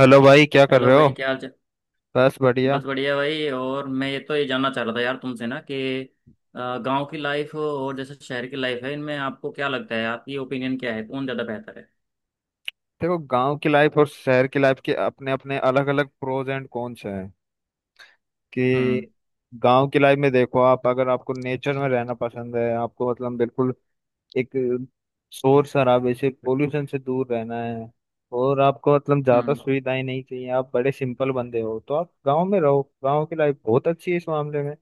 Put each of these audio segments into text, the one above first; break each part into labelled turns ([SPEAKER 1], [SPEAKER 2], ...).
[SPEAKER 1] Hello भाई, क्या कर
[SPEAKER 2] हेलो
[SPEAKER 1] रहे हो।
[SPEAKER 2] भाई, क्या हाल चाल।
[SPEAKER 1] बस बढ़िया।
[SPEAKER 2] बस बढ़िया भाई। और मैं ये जानना चाह रहा था यार तुमसे ना कि गांव की लाइफ और जैसे शहर की लाइफ है, इनमें आपको क्या लगता है, आपकी ओपिनियन क्या है, कौन ज़्यादा बेहतर है?
[SPEAKER 1] देखो, गांव की लाइफ और शहर की लाइफ के अपने अपने अलग अलग प्रोज एंड कॉन्स हैं कि
[SPEAKER 2] हम्म,
[SPEAKER 1] गांव की लाइफ में देखो, आप अगर आपको नेचर में रहना पसंद है, आपको मतलब बिल्कुल एक शोर शराबे से पोल्यूशन से दूर रहना है, और आपको मतलब ज्यादा
[SPEAKER 2] हम्म,
[SPEAKER 1] सुविधाएं नहीं चाहिए, आप बड़े सिंपल बंदे हो तो आप गांव में रहो, गांव की लाइफ बहुत अच्छी है इस मामले में। है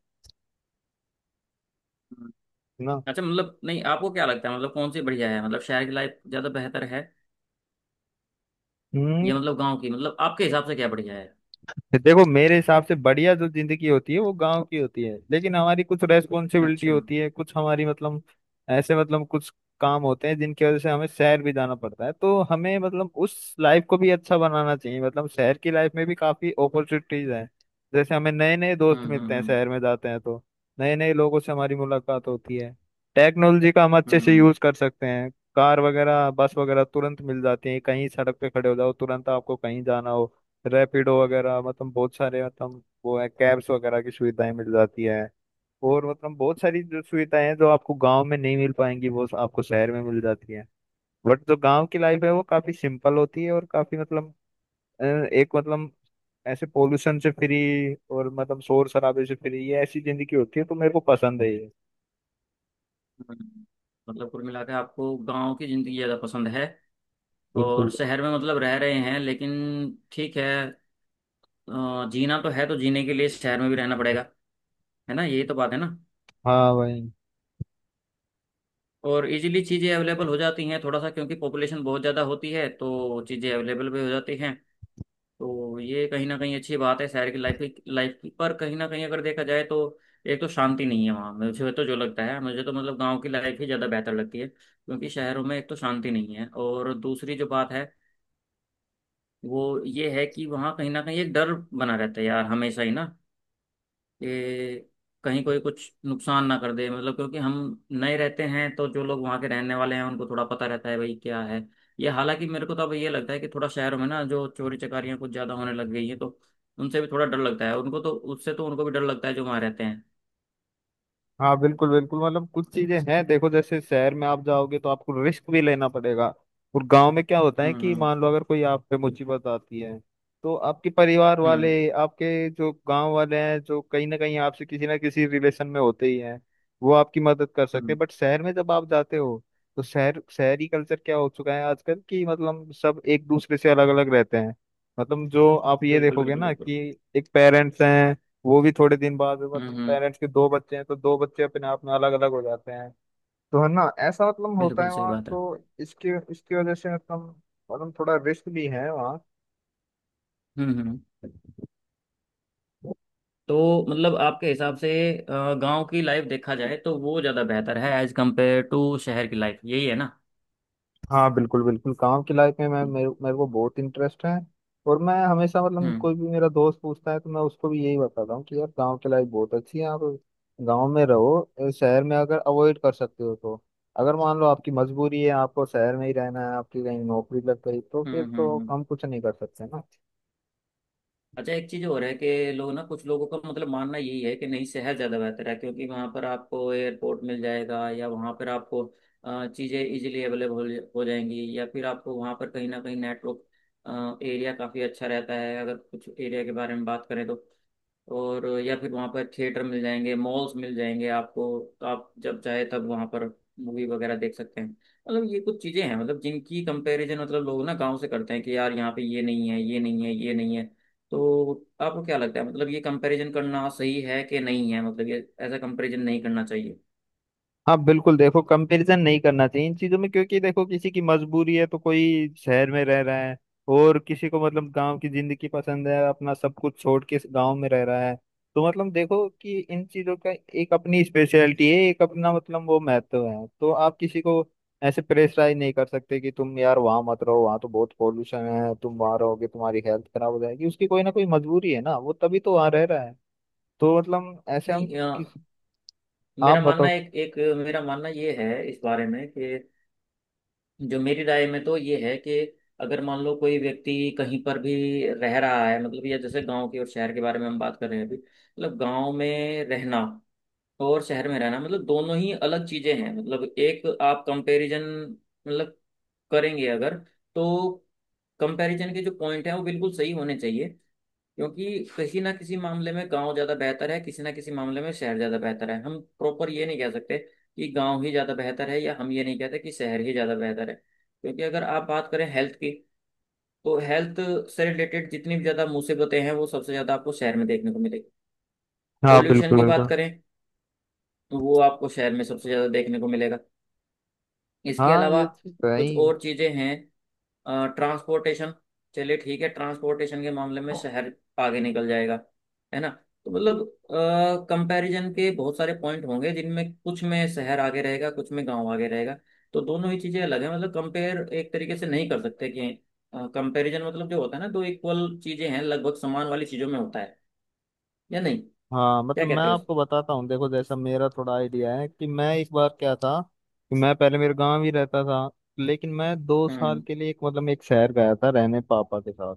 [SPEAKER 2] हम्म।
[SPEAKER 1] ना।
[SPEAKER 2] अच्छा, मतलब नहीं, आपको क्या लगता है, मतलब कौन सी बढ़िया है? मतलब शहर की लाइफ ज़्यादा बेहतर है
[SPEAKER 1] हम्म।
[SPEAKER 2] या मतलब गाँव की? मतलब आपके हिसाब से क्या बढ़िया है?
[SPEAKER 1] देखो, मेरे हिसाब से बढ़िया जो जिंदगी होती है वो गांव की होती है, लेकिन हमारी कुछ रेस्पॉन्सिबिलिटी
[SPEAKER 2] अच्छा, हम्म,
[SPEAKER 1] होती है, कुछ हमारी मतलब ऐसे मतलब कुछ काम होते हैं जिनकी वजह से हमें शहर भी जाना पड़ता है, तो हमें मतलब उस लाइफ को भी अच्छा बनाना चाहिए। मतलब शहर की लाइफ में भी काफी अपॉर्चुनिटीज हैं, जैसे हमें नए नए दोस्त
[SPEAKER 2] हम्म,
[SPEAKER 1] मिलते हैं,
[SPEAKER 2] हम्म,
[SPEAKER 1] शहर में जाते हैं तो नए नए लोगों से हमारी मुलाकात होती है, टेक्नोलॉजी का हम अच्छे से
[SPEAKER 2] हम्म,
[SPEAKER 1] यूज कर सकते हैं, कार वगैरह बस वगैरह तुरंत मिल जाती है, कहीं सड़क पे खड़े हो जाओ तुरंत आपको कहीं जाना हो, रैपिडो वगैरह मतलब बहुत सारे मतलब वो है कैब्स वगैरह की सुविधाएं मिल जाती है, और मतलब बहुत सारी जो सुविधाएं हैं जो आपको गांव में नहीं मिल पाएंगी वो आपको शहर में मिल जाती है। बट जो गांव की लाइफ है वो काफी सिंपल होती है, और काफी मतलब एक मतलब ऐसे पोल्यूशन से फ्री और मतलब शोर शराबे से फ्री, ये ऐसी जिंदगी होती है, तो मेरे को पसंद है ये।
[SPEAKER 2] हम्म। मतलब कुल मिला के आपको गाँव की ज़िंदगी ज़्यादा पसंद है,
[SPEAKER 1] बिल्कुल।
[SPEAKER 2] और शहर में मतलब रह रहे हैं लेकिन ठीक है। जीना तो है तो जीने के लिए शहर में भी रहना पड़ेगा। है ना, यही तो बात है ना।
[SPEAKER 1] हाँ भाई।
[SPEAKER 2] और इजीली चीज़ें अवेलेबल हो जाती हैं थोड़ा सा, क्योंकि पॉपुलेशन बहुत ज़्यादा होती है तो चीज़ें अवेलेबल भी हो जाती हैं, तो ये कहीं ना कहीं अच्छी बात है शहर की लाइफ की। पर कहीं ना कहीं अगर देखा जाए तो एक तो शांति नहीं है वहाँ। मुझे तो जो लगता है मुझे तो मतलब गांव की लाइफ ही ज़्यादा बेहतर लगती है, क्योंकि शहरों में एक तो शांति नहीं है, और दूसरी जो बात है वो ये है कि वहाँ कहीं ना कहीं एक डर बना रहता है यार हमेशा ही ना, ये कहीं कोई कुछ नुकसान ना कर दे। मतलब क्योंकि हम नए रहते हैं, तो जो लोग वहाँ के रहने वाले हैं उनको थोड़ा पता रहता है भाई क्या है ये। हालांकि मेरे को तो अब ये लगता है कि थोड़ा शहरों में ना जो चोरी चकारियाँ कुछ ज़्यादा होने लग गई है, तो उनसे भी थोड़ा डर लगता है। उनको तो, उससे तो उनको भी डर लगता है जो वहाँ रहते हैं।
[SPEAKER 1] हाँ बिल्कुल बिल्कुल, मतलब कुछ चीजें हैं, देखो जैसे शहर में आप जाओगे तो आपको रिस्क भी लेना पड़ेगा, और गांव में क्या होता है
[SPEAKER 2] हम्म,
[SPEAKER 1] कि
[SPEAKER 2] हम्म,
[SPEAKER 1] मान लो अगर कोई आप पे मुसीबत आती है तो आपके परिवार
[SPEAKER 2] हम्म,
[SPEAKER 1] वाले, आपके जो गांव वाले हैं जो कहीं ना कहीं आपसे किसी ना किसी रिलेशन में होते ही हैं, वो आपकी मदद कर सकते
[SPEAKER 2] हम्म,
[SPEAKER 1] हैं। बट शहर में जब आप जाते हो तो शहरी कल्चर क्या हो चुका है आजकल कि मतलब सब एक दूसरे से अलग अलग रहते हैं। मतलब जो आप ये
[SPEAKER 2] बिल्कुल
[SPEAKER 1] देखोगे
[SPEAKER 2] बिल्कुल
[SPEAKER 1] ना कि
[SPEAKER 2] बिल्कुल।
[SPEAKER 1] एक पेरेंट्स हैं, वो भी थोड़े दिन बाद
[SPEAKER 2] हम्म,
[SPEAKER 1] मतलब
[SPEAKER 2] हम्म,
[SPEAKER 1] पेरेंट्स के दो बच्चे हैं तो दो बच्चे अपने आप में अलग अलग हो जाते हैं। तो है ना ऐसा मतलब होता
[SPEAKER 2] बिल्कुल
[SPEAKER 1] है
[SPEAKER 2] सही
[SPEAKER 1] वहाँ
[SPEAKER 2] बात है।
[SPEAKER 1] तो इसकी इसकी वजह से मतलब मतलब थोड़ा रिस्क भी है वहाँ।
[SPEAKER 2] हम्म, हम्म, तो मतलब आपके हिसाब से गांव की लाइफ देखा जाए तो वो ज़्यादा बेहतर है एज कम्पेयर टू शहर की लाइफ, यही है ना?
[SPEAKER 1] हाँ बिल्कुल बिल्कुल, काम की लाइफ में मैं मेरे को बहुत इंटरेस्ट है, और मैं हमेशा मतलब
[SPEAKER 2] हम्म,
[SPEAKER 1] कोई भी मेरा दोस्त पूछता है तो मैं उसको भी यही बताता हूँ कि यार गांव की लाइफ बहुत अच्छी है, आप गांव में रहो। शहर में अगर अवॉइड कर सकते हो तो, अगर मान लो आपकी मजबूरी है, आपको शहर में ही रहना है, आपकी कहीं नौकरी लग गई तो
[SPEAKER 2] हम्म,
[SPEAKER 1] फिर
[SPEAKER 2] हम्म,
[SPEAKER 1] तो हम कुछ नहीं कर सकते ना।
[SPEAKER 2] अच्छा, एक चीज और है कि लोग ना, कुछ लोगों का मतलब मानना यही है कि नहीं, शहर ज्यादा बेहतर है, क्योंकि वहां पर आपको एयरपोर्ट मिल जाएगा, या वहां पर आपको चीजें इजीली अवेलेबल हो जाएंगी, या फिर आपको वहां पर कहीं ना कहीं नेटवर्क एरिया काफी अच्छा रहता है अगर कुछ एरिया के बारे में बात करें तो। और या फिर वहाँ पर थिएटर मिल जाएंगे, मॉल्स मिल जाएंगे आपको, तो आप जब चाहे तब वहाँ पर मूवी वगैरह देख सकते हैं। मतलब ये कुछ चीज़ें हैं मतलब जिनकी कंपैरिजन मतलब लोग ना गांव से करते हैं कि यार यहाँ पे ये नहीं है, ये नहीं है, ये नहीं है, तो आपको क्या लगता है, मतलब ये कंपैरिजन करना सही है कि नहीं है? मतलब ये ऐसा कंपैरिजन नहीं करना चाहिए?
[SPEAKER 1] हाँ बिल्कुल, देखो कंपैरिजन नहीं करना चाहिए इन चीजों में, क्योंकि देखो किसी की मजबूरी है तो कोई शहर में रह रहा है, और किसी को मतलब गांव की जिंदगी पसंद है, अपना सब कुछ छोड़ के गांव में रह रहा है। तो मतलब देखो कि इन चीजों का एक अपनी स्पेशलिटी है, एक अपना मतलब वो महत्व है, तो आप किसी को ऐसे प्रेशराइज नहीं कर सकते कि तुम यार वहां मत रहो, वहां तो बहुत पॉल्यूशन है, तुम वहां रहोगे तुम्हारी हेल्थ खराब हो जाएगी। उसकी कोई ना कोई मजबूरी है ना, वो तभी तो वहां रह रहा है। तो मतलब ऐसे हम
[SPEAKER 2] नहीं,
[SPEAKER 1] किस आप
[SPEAKER 2] मेरा मानना,
[SPEAKER 1] बताओ।
[SPEAKER 2] एक एक मेरा मानना ये है इस बारे में कि जो मेरी राय में तो ये है कि अगर मान लो कोई व्यक्ति कहीं पर भी रह रहा है, मतलब ये जैसे गांव की और शहर के बारे में हम बात कर रहे हैं अभी, मतलब गांव में रहना और शहर में रहना, मतलब दोनों ही अलग चीजें हैं। मतलब एक आप कंपैरिजन मतलब करेंगे अगर, तो कंपैरिजन के जो पॉइंट हैं वो बिल्कुल सही होने चाहिए, क्योंकि किसी ना किसी मामले में गांव ज्यादा बेहतर है, किसी ना किसी मामले में शहर ज्यादा बेहतर है। हम प्रॉपर ये नहीं कह सकते कि गांव ही ज्यादा बेहतर है, या हम ये नहीं कहते कि शहर ही ज्यादा बेहतर है, क्योंकि अगर आप बात करें हेल्थ की, तो हेल्थ से रिलेटेड जितनी भी ज्यादा मुसीबतें हैं वो सबसे ज्यादा आपको शहर में देखने को मिलेगी।
[SPEAKER 1] हाँ
[SPEAKER 2] पॉल्यूशन
[SPEAKER 1] बिल्कुल
[SPEAKER 2] की बात
[SPEAKER 1] बिल्कुल।
[SPEAKER 2] करें, तो वो आपको शहर में सबसे ज्यादा देखने को मिलेगा। इसके
[SPEAKER 1] हाँ
[SPEAKER 2] अलावा
[SPEAKER 1] ये चीज तो है
[SPEAKER 2] कुछ
[SPEAKER 1] ही।
[SPEAKER 2] और चीजें हैं, ट्रांसपोर्टेशन, चलिए ठीक है, ट्रांसपोर्टेशन के मामले में शहर आगे निकल जाएगा, है ना। तो मतलब कंपैरिजन के बहुत सारे पॉइंट होंगे जिनमें कुछ में शहर आगे रहेगा, कुछ में गांव आगे रहेगा। तो दोनों ही चीजें अलग है, मतलब कंपेयर एक तरीके से नहीं कर सकते कि, कंपैरिजन मतलब जो होता है ना, दो इक्वल चीजें हैं, लगभग समान वाली चीजों में होता है या नहीं।
[SPEAKER 1] हाँ
[SPEAKER 2] क्या
[SPEAKER 1] मतलब मैं
[SPEAKER 2] कहते हो
[SPEAKER 1] आपको बताता हूँ, देखो जैसा मेरा थोड़ा आइडिया है कि मैं एक बार क्या था कि मैं पहले मेरे गांव ही रहता था, लेकिन मैं दो साल
[SPEAKER 2] हम्म,
[SPEAKER 1] के लिए एक मतलब एक शहर गया था रहने, पापा के साथ।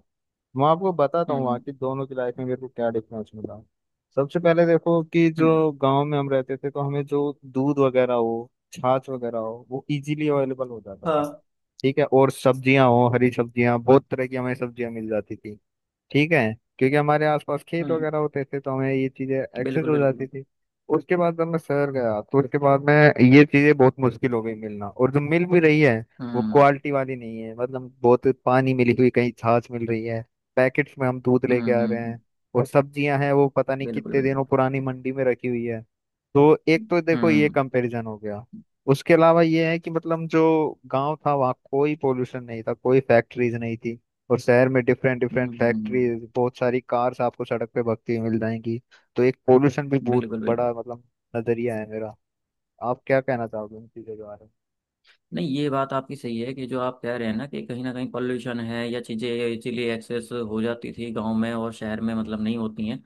[SPEAKER 1] मैं आपको बताता हूँ वहाँ
[SPEAKER 2] हम्म,
[SPEAKER 1] की दोनों की लाइफ में मेरे को क्या डिफरेंस मिला। सबसे पहले देखो कि
[SPEAKER 2] हम्म।
[SPEAKER 1] जो गांव में हम रहते थे तो हमें जो दूध वगैरह हो, छाछ वगैरह हो, वो इजीली अवेलेबल हो जाता था।
[SPEAKER 2] हाँ।
[SPEAKER 1] ठीक है। और सब्जियां हो, हरी सब्जियां, बहुत तरह की हमें सब्जियां मिल जाती थी। ठीक है। क्योंकि हमारे आसपास खेत
[SPEAKER 2] हम्म,
[SPEAKER 1] वगैरह होते थे तो हमें ये चीजें एक्सेस
[SPEAKER 2] बिल्कुल
[SPEAKER 1] हो जाती
[SPEAKER 2] बिल्कुल।
[SPEAKER 1] थी। उसके बाद जब मैं शहर गया तो उसके बाद में ये चीजें बहुत मुश्किल हो गई मिलना, और जो मिल भी रही है वो
[SPEAKER 2] हम्म,
[SPEAKER 1] क्वालिटी वाली नहीं है, मतलब बहुत पानी मिली हुई कहीं छाछ मिल रही है, पैकेट्स में हम दूध
[SPEAKER 2] हम्म,
[SPEAKER 1] लेके आ रहे हैं, और सब्जियां हैं वो पता नहीं
[SPEAKER 2] बिल्कुल
[SPEAKER 1] कितने दिनों
[SPEAKER 2] बिल्कुल।
[SPEAKER 1] पुरानी मंडी में रखी हुई है। तो एक
[SPEAKER 2] हम्म,
[SPEAKER 1] तो देखो ये
[SPEAKER 2] हम्म,
[SPEAKER 1] कंपैरिजन हो गया। उसके अलावा ये है कि मतलब जो गांव था वहाँ कोई पोल्यूशन नहीं था, कोई फैक्ट्रीज नहीं थी, और शहर में डिफरेंट
[SPEAKER 2] हम्म,
[SPEAKER 1] डिफरेंट
[SPEAKER 2] हम्म।
[SPEAKER 1] फैक्ट्रीज, बहुत सारी कार्स आपको सड़क पे भगती हुई मिल जाएंगी। तो एक पोल्यूशन भी बहुत
[SPEAKER 2] बिल्कुल बिल्कुल।
[SPEAKER 1] बड़ा मतलब नजरिया है मेरा। आप क्या कहना चाहोगे इन चीजों के बारे में?
[SPEAKER 2] नहीं, ये बात आपकी सही है, कि जो आप कह रहे हैं ना कि कहीं ना कहीं पॉल्यूशन है, या चीज़ें इसीलिए एक्सेस हो जाती थी गांव में, और शहर में मतलब नहीं होती हैं।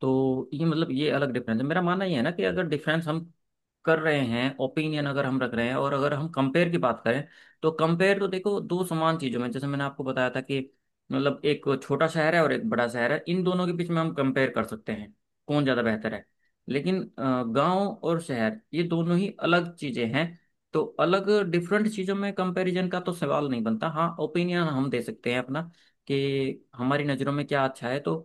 [SPEAKER 2] तो ये मतलब ये अलग डिफरेंस है। मेरा मानना ये है ना कि अगर डिफरेंस हम कर रहे हैं, ओपिनियन अगर हम रख रहे हैं, और अगर हम कंपेयर की बात करें, तो कंपेयर तो देखो दो समान चीज़ों में, जैसे मैंने आपको बताया था कि मतलब एक छोटा शहर है और एक बड़ा शहर है, इन दोनों के बीच में हम कंपेयर कर सकते हैं कौन ज़्यादा बेहतर है। लेकिन गांव और शहर ये दोनों ही अलग चीज़ें हैं, तो अलग डिफरेंट चीज़ों में कंपैरिजन का तो सवाल नहीं बनता। हाँ, ओपिनियन हम दे सकते हैं अपना, कि हमारी नज़रों में क्या अच्छा है, तो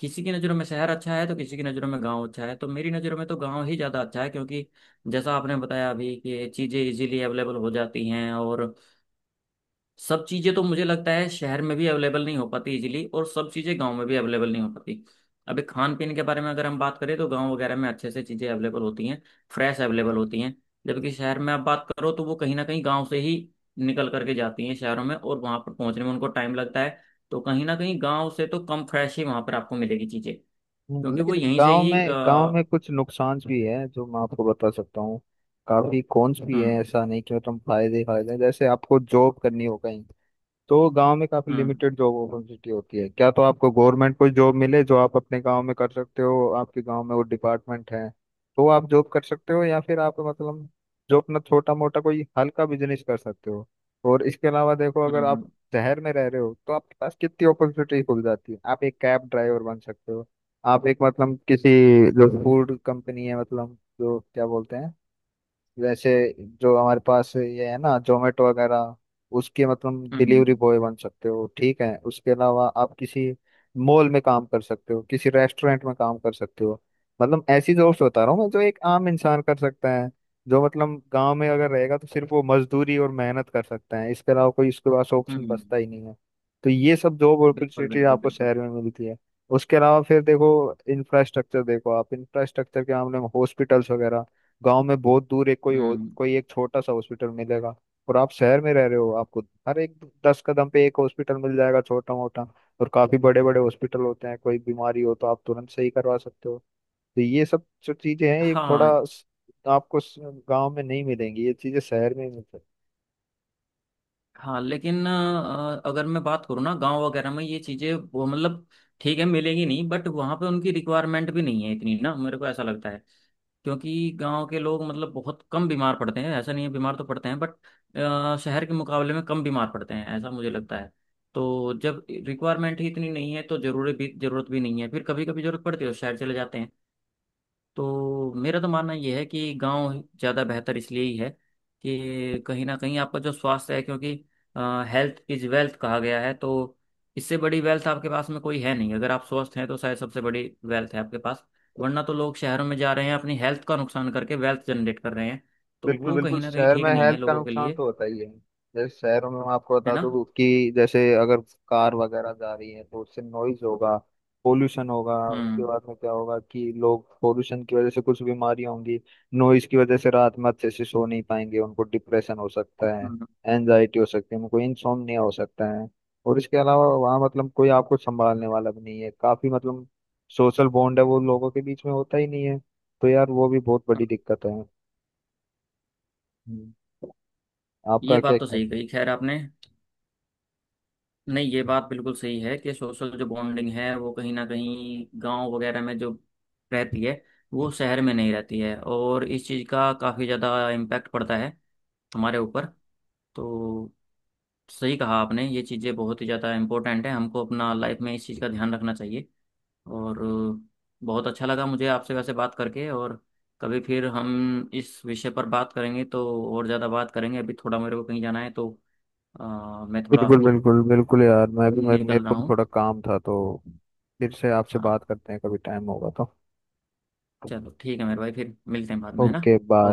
[SPEAKER 2] किसी की नज़रों में शहर अच्छा है तो किसी की नज़रों में गांव अच्छा है। तो मेरी नज़रों में तो गांव ही ज़्यादा अच्छा है, क्योंकि जैसा आपने बताया अभी कि चीज़ें इजीली अवेलेबल हो जाती हैं, और सब चीज़ें तो मुझे लगता है शहर में भी अवेलेबल नहीं हो पाती इजीली, और सब चीज़ें गांव में भी अवेलेबल नहीं हो पाती। अभी खान पीन के बारे में अगर हम बात करें, तो गांव वगैरह में अच्छे से चीज़ें अवेलेबल होती हैं, फ्रेश अवेलेबल होती हैं, जबकि शहर में आप बात करो तो वो कहीं ना कहीं गाँव से ही निकल करके जाती हैं शहरों में, और वहाँ पर पहुँचने में उनको टाइम लगता है, तो कहीं ना कहीं गाँव से तो कम फ्रेश ही वहाँ पर आपको मिलेगी चीज़ें,
[SPEAKER 1] हम्म।
[SPEAKER 2] क्योंकि वो
[SPEAKER 1] लेकिन
[SPEAKER 2] यहीं से ही
[SPEAKER 1] गांव में कुछ नुकसान भी है जो मैं आपको बता सकता हूँ, काफी कॉन्स भी है,
[SPEAKER 2] हम्म,
[SPEAKER 1] ऐसा नहीं कि मतलब फायदे ही फायदे हैं। जैसे आपको जॉब करनी हो कहीं तो गांव में काफी
[SPEAKER 2] हम्म,
[SPEAKER 1] लिमिटेड जॉब अपॉर्चुनिटी होती है, क्या तो आपको गवर्नमेंट कोई जॉब मिले जो आप अपने गांव में कर सकते हो, आपके गांव में वो डिपार्टमेंट है तो आप जॉब कर सकते हो, या फिर आप मतलब जो अपना छोटा मोटा कोई हल्का बिजनेस कर सकते हो। और इसके अलावा देखो,
[SPEAKER 2] हम्म,
[SPEAKER 1] अगर आप
[SPEAKER 2] हम्म,
[SPEAKER 1] शहर में रह रहे हो तो आपके पास कितनी अपॉर्चुनिटी खुल जाती है, आप एक कैब ड्राइवर बन सकते हो, आप एक मतलब किसी जो फूड कंपनी है, मतलब जो क्या बोलते हैं वैसे, जो हमारे पास ये है ना, जोमेटो वगैरह, उसके मतलब
[SPEAKER 2] हम्म,
[SPEAKER 1] डिलीवरी बॉय बन सकते हो। ठीक है। उसके अलावा आप किसी मॉल में काम कर सकते हो, किसी रेस्टोरेंट में काम कर सकते हो, मतलब ऐसी जॉब्स बता रहा हूँ मैं जो एक आम इंसान कर सकता है, जो मतलब गांव में अगर रहेगा तो सिर्फ वो मजदूरी और मेहनत कर सकता है, इसके अलावा कोई उसके पास ऑप्शन
[SPEAKER 2] हम्म,
[SPEAKER 1] बचता ही नहीं है। तो ये सब जॉब
[SPEAKER 2] बिल्कुल
[SPEAKER 1] अपॉर्चुनिटी
[SPEAKER 2] बिल्कुल
[SPEAKER 1] आपको
[SPEAKER 2] बिल्कुल।
[SPEAKER 1] शहर में मिलती है। उसके अलावा फिर देखो इंफ्रास्ट्रक्चर, देखो आप इंफ्रास्ट्रक्चर के मामले में हॉस्पिटल्स वगैरह गांव में बहुत दूर, एक
[SPEAKER 2] हम्म।
[SPEAKER 1] कोई एक छोटा सा हॉस्पिटल मिलेगा, और आप शहर में रह रहे हो आपको हर एक दस कदम पे एक हॉस्पिटल मिल जाएगा, छोटा मोटा, और काफी बड़े बड़े हॉस्पिटल होते हैं, कोई बीमारी हो तो आप तुरंत सही करवा सकते हो। तो ये सब जो चीजें हैं, ये
[SPEAKER 2] हाँ।
[SPEAKER 1] थोड़ा आपको गांव में नहीं मिलेंगी, ये चीजें शहर में मिलती हैं।
[SPEAKER 2] हाँ, लेकिन अगर मैं बात करूँ ना, गांव वगैरह में ये चीज़ें वो मतलब ठीक है मिलेगी नहीं, बट वहाँ पे उनकी रिक्वायरमेंट भी नहीं है इतनी ना, मेरे को ऐसा लगता है। क्योंकि गांव के लोग मतलब बहुत कम बीमार पड़ते हैं, ऐसा नहीं है बीमार तो पड़ते हैं, बट शहर के मुकाबले में कम बीमार पड़ते हैं, ऐसा मुझे लगता है। तो जब रिक्वायरमेंट ही इतनी नहीं है तो जरूरी भी, जरूरत भी नहीं है। फिर कभी कभी जरूरत पड़ती है तो शहर चले जाते हैं। तो मेरा तो मानना यह है कि गांव ज़्यादा बेहतर इसलिए ही है कि कहीं ना कहीं आपका जो स्वास्थ्य है, क्योंकि हेल्थ इज वेल्थ कहा गया है, तो इससे बड़ी वेल्थ आपके पास में कोई है नहीं। अगर आप स्वस्थ हैं तो शायद सबसे बड़ी वेल्थ है आपके पास। वरना तो लोग शहरों में जा रहे हैं अपनी हेल्थ का नुकसान करके वेल्थ जनरेट कर रहे हैं, तो
[SPEAKER 1] बिल्कुल
[SPEAKER 2] वो
[SPEAKER 1] बिल्कुल,
[SPEAKER 2] कहीं ना कहीं
[SPEAKER 1] शहर
[SPEAKER 2] ठीक
[SPEAKER 1] में
[SPEAKER 2] नहीं है
[SPEAKER 1] हेल्थ का
[SPEAKER 2] लोगों के
[SPEAKER 1] नुकसान
[SPEAKER 2] लिए,
[SPEAKER 1] तो होता ही है, जैसे शहरों में मैं आपको
[SPEAKER 2] है
[SPEAKER 1] बता
[SPEAKER 2] ना।
[SPEAKER 1] दूं कि जैसे अगर कार वगैरह जा रही है तो उससे नॉइज होगा, पोल्यूशन होगा, उसके
[SPEAKER 2] हम्म,
[SPEAKER 1] बाद में क्या होगा कि लोग पोल्यूशन की वजह से कुछ बीमारियां होंगी, नॉइज की वजह से रात में अच्छे से सो नहीं पाएंगे, उनको डिप्रेशन हो सकता है,
[SPEAKER 2] हम्म,
[SPEAKER 1] एनजाइटी हो सकती है, उनको इंसोम्निया हो सकता है। और इसके अलावा वहाँ मतलब कोई आपको संभालने वाला भी नहीं है, काफी मतलब सोशल बॉन्ड है वो लोगों के बीच में होता ही नहीं है, तो यार वो भी बहुत बड़ी
[SPEAKER 2] हम्म।
[SPEAKER 1] दिक्कत है। हम्म।
[SPEAKER 2] ये
[SPEAKER 1] आपका क्या
[SPEAKER 2] बात तो
[SPEAKER 1] ख्याल
[SPEAKER 2] सही
[SPEAKER 1] है?
[SPEAKER 2] कही खैर आपने। नहीं, ये बात बिल्कुल सही है कि सोशल जो बॉन्डिंग है वो कहीं ना कहीं गांव वगैरह में जो रहती है वो शहर में नहीं रहती है, और इस चीज़ का काफ़ी ज़्यादा इम्पैक्ट पड़ता है हमारे ऊपर। तो सही कहा आपने, ये चीज़ें बहुत ही ज़्यादा इम्पोर्टेंट है, हमको अपना लाइफ में इस चीज़ का ध्यान रखना चाहिए। और बहुत अच्छा लगा मुझे आपसे वैसे बात करके, और कभी फिर हम इस विषय पर बात करेंगे तो और ज़्यादा बात करेंगे। अभी थोड़ा मेरे को कहीं जाना है तो मैं थोड़ा
[SPEAKER 1] बिल्कुल बिल्कुल बिल्कुल, यार मैं भी मेरे मेरे
[SPEAKER 2] निकल रहा
[SPEAKER 1] को भी
[SPEAKER 2] हूँ।
[SPEAKER 1] थोड़ा काम था, तो फिर से आपसे बात
[SPEAKER 2] हाँ,
[SPEAKER 1] करते हैं कभी टाइम होगा तो।
[SPEAKER 2] चलो ठीक है मेरे भाई, फिर मिलते हैं बाद में, है ना।
[SPEAKER 1] Okay bye.
[SPEAKER 2] ओके।